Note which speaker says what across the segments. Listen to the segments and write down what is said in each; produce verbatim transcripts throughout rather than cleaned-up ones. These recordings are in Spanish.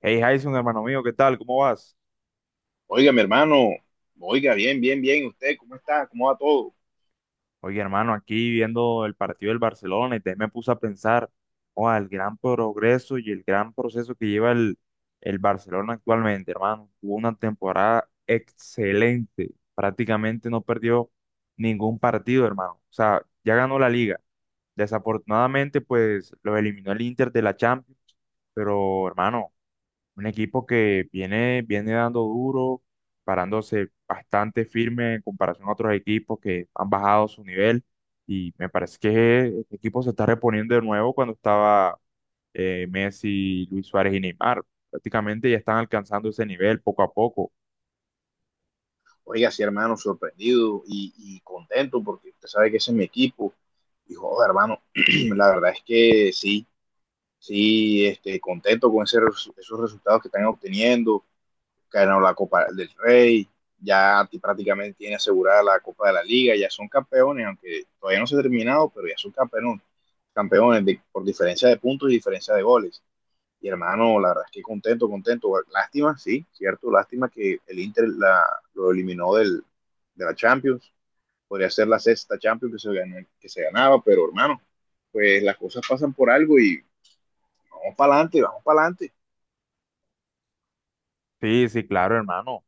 Speaker 1: Hey Jason, hermano mío, ¿qué tal? ¿Cómo vas?
Speaker 2: Oiga, mi hermano, oiga, bien, bien, bien. ¿Usted cómo está? ¿Cómo va todo?
Speaker 1: Oye, hermano, aquí viendo el partido del Barcelona y te me puse a pensar, oh, el gran progreso y el gran proceso que lleva el, el Barcelona actualmente, hermano. Tuvo una temporada excelente, prácticamente no perdió ningún partido, hermano. O sea, ya ganó la liga. Desafortunadamente, pues lo eliminó el Inter de la Champions, pero hermano. Un equipo que viene, viene dando duro, parándose bastante firme en comparación a otros equipos que han bajado su nivel. Y me parece que este equipo se está reponiendo de nuevo cuando estaba eh, Messi, Luis Suárez y Neymar. Prácticamente ya están alcanzando ese nivel poco a poco.
Speaker 2: Oiga, sí, hermano, sorprendido y, y contento porque usted sabe que ese es mi equipo. Dijo joder, hermano, la verdad es que sí, sí, este, contento con ese resu- esos resultados que están obteniendo. Ganaron la Copa del Rey, ya ti- prácticamente tiene asegurada la Copa de la Liga, ya son campeones, aunque todavía no se ha terminado, pero ya son campeones, campeones de- por diferencia de puntos y diferencia de goles. Y hermano, la verdad es que contento, contento. Lástima, sí, cierto, lástima que el Inter la, lo eliminó del, de la Champions. Podría ser la sexta Champions que se, ganó, que se ganaba, pero hermano, pues las cosas pasan por algo y vamos para adelante, vamos para adelante.
Speaker 1: Sí, sí, claro, hermano.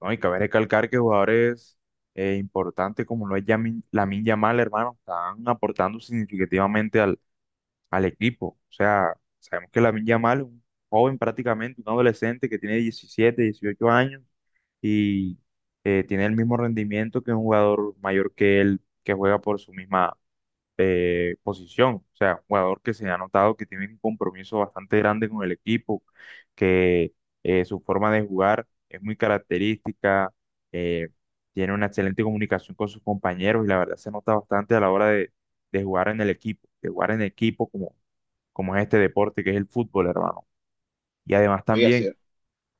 Speaker 1: No, y cabe recalcar que jugadores eh, importantes como lo es Yamin, Lamine Yamal, hermano, están aportando significativamente al equipo. O sea, sabemos que Lamine Yamal es un joven prácticamente, un adolescente que tiene diecisiete, dieciocho años y eh, tiene el mismo rendimiento que un jugador mayor que él que juega por su misma eh, posición. O sea, un jugador que se ha notado que tiene un compromiso bastante grande con el equipo, que eh, su forma de jugar es muy característica. eh, Tiene una excelente comunicación con sus compañeros y la verdad se nota bastante a la hora de, de jugar en el equipo, de jugar en equipo como, como es este deporte que es el fútbol, hermano. Y además
Speaker 2: Oiga, sí,
Speaker 1: también,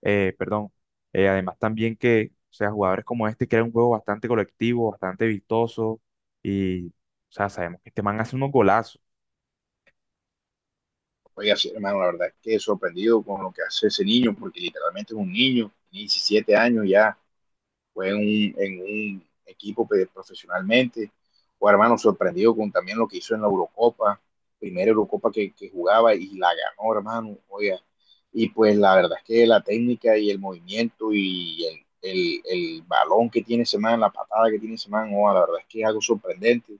Speaker 1: eh, perdón, eh, además también que, o sea, jugadores como este crean un juego bastante colectivo, bastante vistoso y, o sea, sabemos que este man hace unos golazos.
Speaker 2: oiga, sí, hermano, la verdad es que sorprendido con lo que hace ese niño, porque literalmente es un niño, diecisiete años ya, fue un, en un equipo pues, profesionalmente. Guarmano sorprendido con también lo que hizo en la Eurocopa, primera Eurocopa que, que jugaba y la ganó, hermano, oiga. Y pues la verdad es que la técnica y el movimiento y el, el, el balón que tiene ese man, la patada que tiene ese man, oh, la verdad es que es algo sorprendente.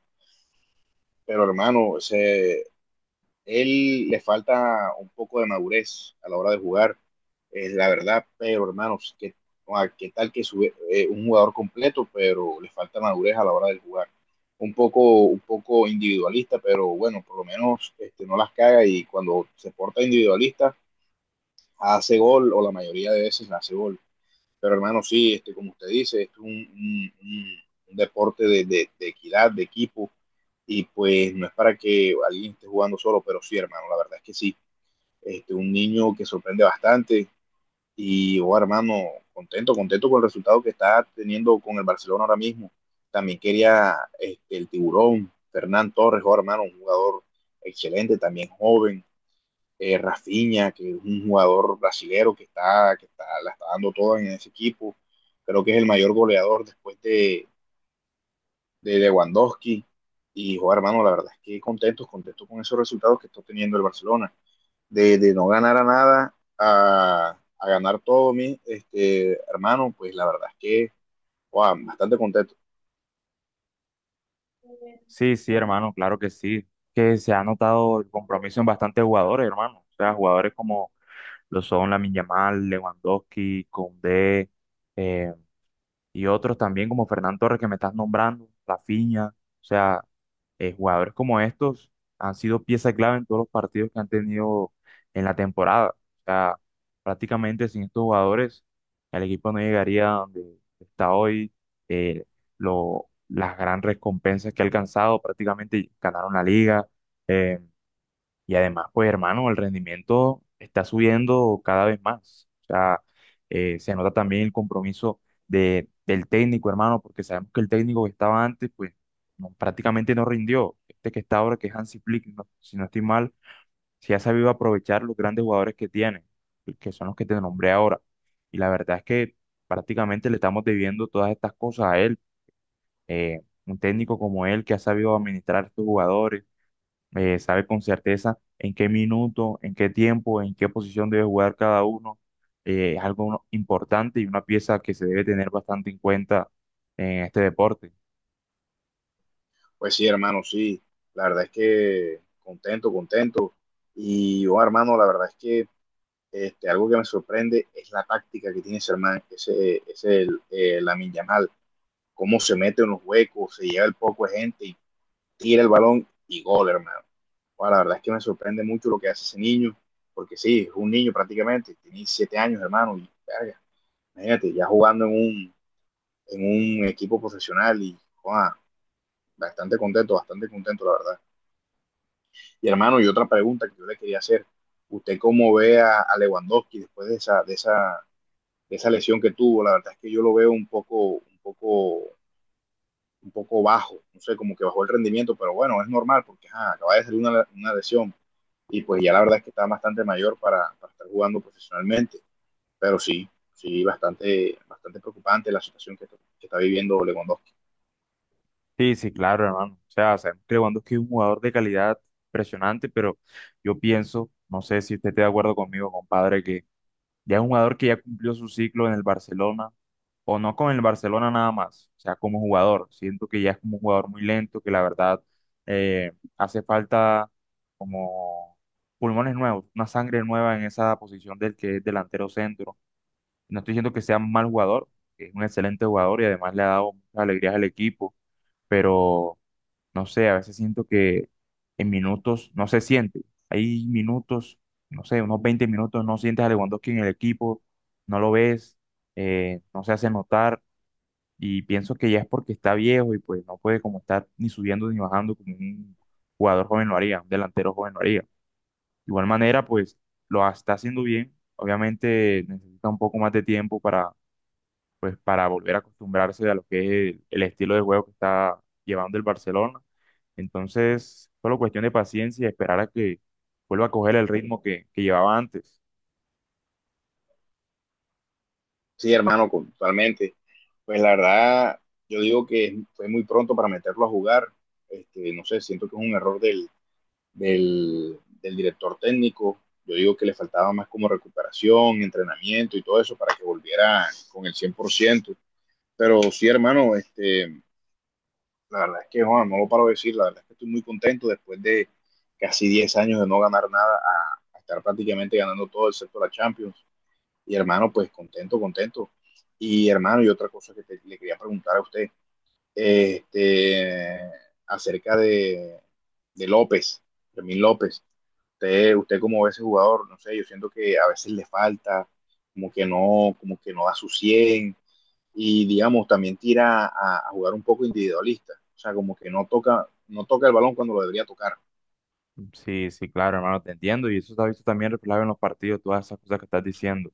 Speaker 2: Pero hermano, ese, él le falta un poco de madurez a la hora de jugar, es la verdad, pero hermanos, qué, qué tal que sube, eh, un jugador completo, pero le falta madurez a la hora de jugar. Un poco, un poco individualista, pero bueno, por lo menos este, no las caga y cuando se porta individualista hace gol o la mayoría de veces hace gol. Pero hermano, sí, este, como usted dice, esto es un, un, un, un deporte de, de, de equidad, de equipo y pues no es para que alguien esté jugando solo, pero sí, hermano, la verdad es que sí. Este, un niño que sorprende bastante. Y, oh, hermano, contento, contento con el resultado que está teniendo con el Barcelona ahora mismo. También quería este, el tiburón, Fernán Torres, oh, hermano, un jugador excelente, también joven. Eh, Rafinha, que es un jugador brasilero que está, que está, la está dando toda en ese equipo. Creo que es el mayor goleador después de, de Lewandowski. Y, joder, hermano, la verdad es que contentos, contentos con esos resultados que está teniendo el Barcelona de, de no ganar a nada a, a ganar todo, mi este, hermano, pues la verdad es que, wow, bastante contento.
Speaker 1: Sí, sí, hermano, claro que sí, que se ha notado el compromiso en bastantes jugadores, hermano. O sea, jugadores como lo son Lamine Yamal, Lewandowski, Koundé, eh, y otros también como Fernán Torres que me estás nombrando, Rafinha, o sea, eh, jugadores como estos han sido pieza clave en todos los partidos que han tenido en la temporada. O sea, prácticamente sin estos jugadores el equipo no llegaría a donde está hoy. eh, lo, las grandes recompensas que ha alcanzado, prácticamente ganaron la liga. Eh, y además, pues hermano, el rendimiento está subiendo cada vez más. O sea, eh, se nota también el compromiso de, del técnico, hermano, porque sabemos que el técnico que estaba antes, pues no- prácticamente no rindió. Este que está ahora, que es Hansi Flick, no- si no estoy mal, sí ha sabido aprovechar los grandes jugadores que tiene, que son los que te nombré ahora. Y la verdad es que prácticamente le estamos debiendo todas estas cosas a él. Eh, un técnico como él que ha sabido administrar estos jugadores eh, sabe con certeza en qué minuto, en qué tiempo, en qué posición debe jugar cada uno. Eh, es algo, ¿no?, importante y una pieza que se debe tener bastante en cuenta en este deporte.
Speaker 2: Pues sí, hermano, sí, la verdad es que contento, contento. Y yo, hermano, la verdad es que este, algo que me sorprende es la táctica que tiene ese hermano, ese, ese el, eh, Lamin Yamal, cómo se mete en los huecos, se lleva el poco de gente y tira el balón y gol, hermano. Bueno, la verdad es que me sorprende mucho lo que hace ese niño, porque sí, es un niño prácticamente, tiene siete años, hermano, y verga, imagínate, ya jugando en un, en un equipo profesional y wow, bastante contento, bastante contento, la verdad. Y hermano, y otra pregunta que yo le quería hacer, ¿usted cómo ve a, a Lewandowski después de esa, de esa, de esa lesión que tuvo? La verdad es que yo lo veo un poco, un poco un poco bajo, no sé, como que bajó el rendimiento, pero bueno, es normal porque ajá, acaba de salir una, una, lesión, y pues ya la verdad es que está bastante mayor para, para estar jugando profesionalmente, pero sí, sí, bastante, bastante preocupante la situación que, que está viviendo Lewandowski.
Speaker 1: Sí, sí, claro, hermano. O sea, sabemos que Lewandowski es un jugador de calidad impresionante, pero yo pienso, no sé si usted está de acuerdo conmigo, compadre, que ya es un jugador que ya cumplió su ciclo en el Barcelona, o no con el Barcelona nada más, o sea, como jugador. Siento que ya es como un jugador muy lento, que la verdad eh, hace falta como pulmones nuevos, una sangre nueva en esa posición del que es delantero centro. No estoy diciendo que sea un mal jugador, que es un excelente jugador y además le ha dado muchas alegrías al equipo, pero no sé, a veces siento que en minutos no se siente. Hay minutos, no sé, unos veinte minutos no sientes a Lewandowski en el equipo, no lo ves, eh, no se hace notar y pienso que ya es porque está viejo y pues no puede como estar ni subiendo ni bajando como un jugador joven lo haría, un delantero joven lo haría. De igual manera, pues lo ha- está haciendo bien, obviamente necesita un poco más de tiempo para pues para volver a acostumbrarse a lo que es el, el estilo de juego que está llevando el Barcelona. Entonces, solo cuestión de paciencia y esperar a que vuelva a coger el ritmo que, que llevaba antes.
Speaker 2: Sí, hermano, totalmente. Pues la verdad, yo digo que fue muy pronto para meterlo a jugar. Este, no sé, siento que es un error del, del, del director técnico. Yo digo que le faltaba más como recuperación, entrenamiento y todo eso para que volviera con el cien por ciento. Pero sí, hermano, este, la verdad es que, Juan, no lo paro de decir, la verdad es que estoy muy contento después de casi diez años de no ganar nada a, a estar prácticamente ganando todo excepto la Champions. Y hermano, pues contento, contento. Y hermano, y otra cosa que te, le quería preguntar a usted, este, acerca de, de López, Fermín López. Usted, usted como ve ese jugador, no sé, yo siento que a veces le falta, como que no, como que no da su cien y digamos también tira a, a, jugar un poco individualista, o sea, como que no toca, no toca el balón cuando lo debería tocar.
Speaker 1: Sí, sí, claro, hermano, te entiendo. Y eso se ha visto también reflejado en los partidos, todas esas cosas que estás diciendo.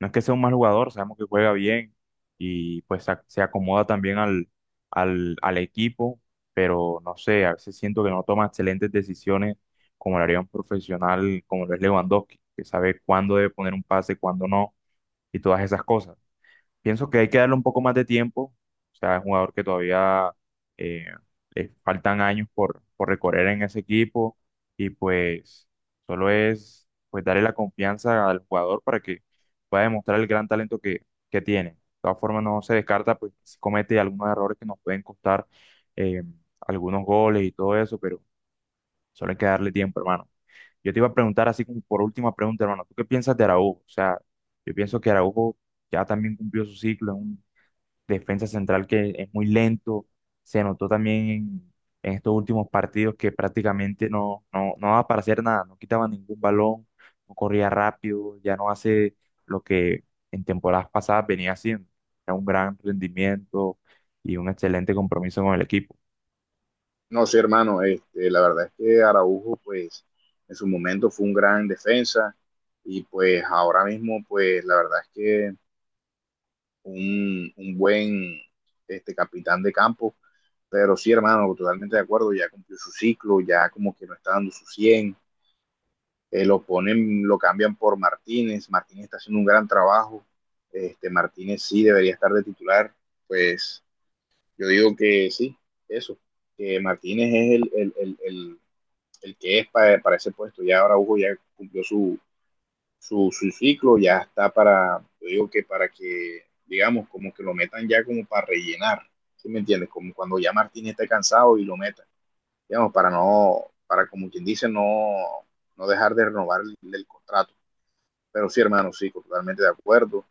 Speaker 1: No es que sea un mal jugador, sabemos que juega bien y pues se ac- se acomoda también al, al, al equipo, pero no sé, a veces siento que no toma excelentes decisiones como lo haría un profesional como lo es Lewandowski, que sabe cuándo debe poner un pase, cuándo no y todas esas cosas. Pienso que hay que darle un poco más de tiempo. O sea, es un jugador que todavía eh, le faltan años por, por recorrer en ese equipo. Y pues solo es pues darle la confianza al jugador para que pueda demostrar el gran talento que, que tiene. De todas formas, no se descarta, pues si comete algunos errores que nos pueden costar eh, algunos goles y todo eso, pero solo hay que darle tiempo, hermano. Yo te iba a preguntar así como por última pregunta, hermano, ¿tú qué piensas de Araújo? O sea, yo pienso que Araújo ya también cumplió su ciclo, defensa central que es muy lento. Se notó también en, en estos últimos partidos que prácticamente no, no, no daba para hacer nada, no quitaba ningún balón, no corría rápido, ya no hace lo que en temporadas pasadas venía haciendo. Era un gran rendimiento y un excelente compromiso con el equipo.
Speaker 2: No sé, sí, hermano, este, la verdad es que Araujo, pues, en su momento fue un gran defensa y pues ahora mismo, pues, la verdad es que un, un buen este, capitán de campo, pero sí, hermano, totalmente de acuerdo, ya cumplió su ciclo, ya como que no está dando su cien eh, lo ponen, lo cambian por Martínez, Martínez está haciendo un gran trabajo, este, Martínez sí debería estar de titular, pues yo digo que sí, eso, que Martínez es el, el, el, el, el que es para, para, ese puesto, ya ahora Hugo ya cumplió su, su, su ciclo, ya está para, yo digo que para que, digamos, como que lo metan ya como para rellenar, ¿sí me entiendes? Como cuando ya Martínez esté cansado y lo metan, digamos, para no, para como quien dice, no, no dejar de renovar el, el contrato. Pero sí, hermano, sí, totalmente de acuerdo.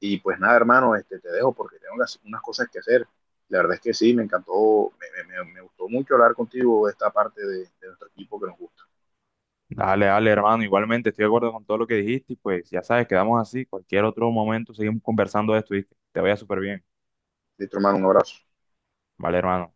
Speaker 2: Y pues nada, hermano, este, te dejo porque tengo unas, unas cosas que hacer. La verdad es que sí, me encantó, me, me, me me gustó mucho hablar contigo de esta parte de, de nuestro equipo que nos gusta.
Speaker 1: Dale, dale, hermano. Igualmente estoy de acuerdo con todo lo que dijiste y pues ya sabes, quedamos así. Cualquier otro momento seguimos conversando de esto y te vaya súper bien.
Speaker 2: Listo, hermano, un abrazo.
Speaker 1: Vale, hermano.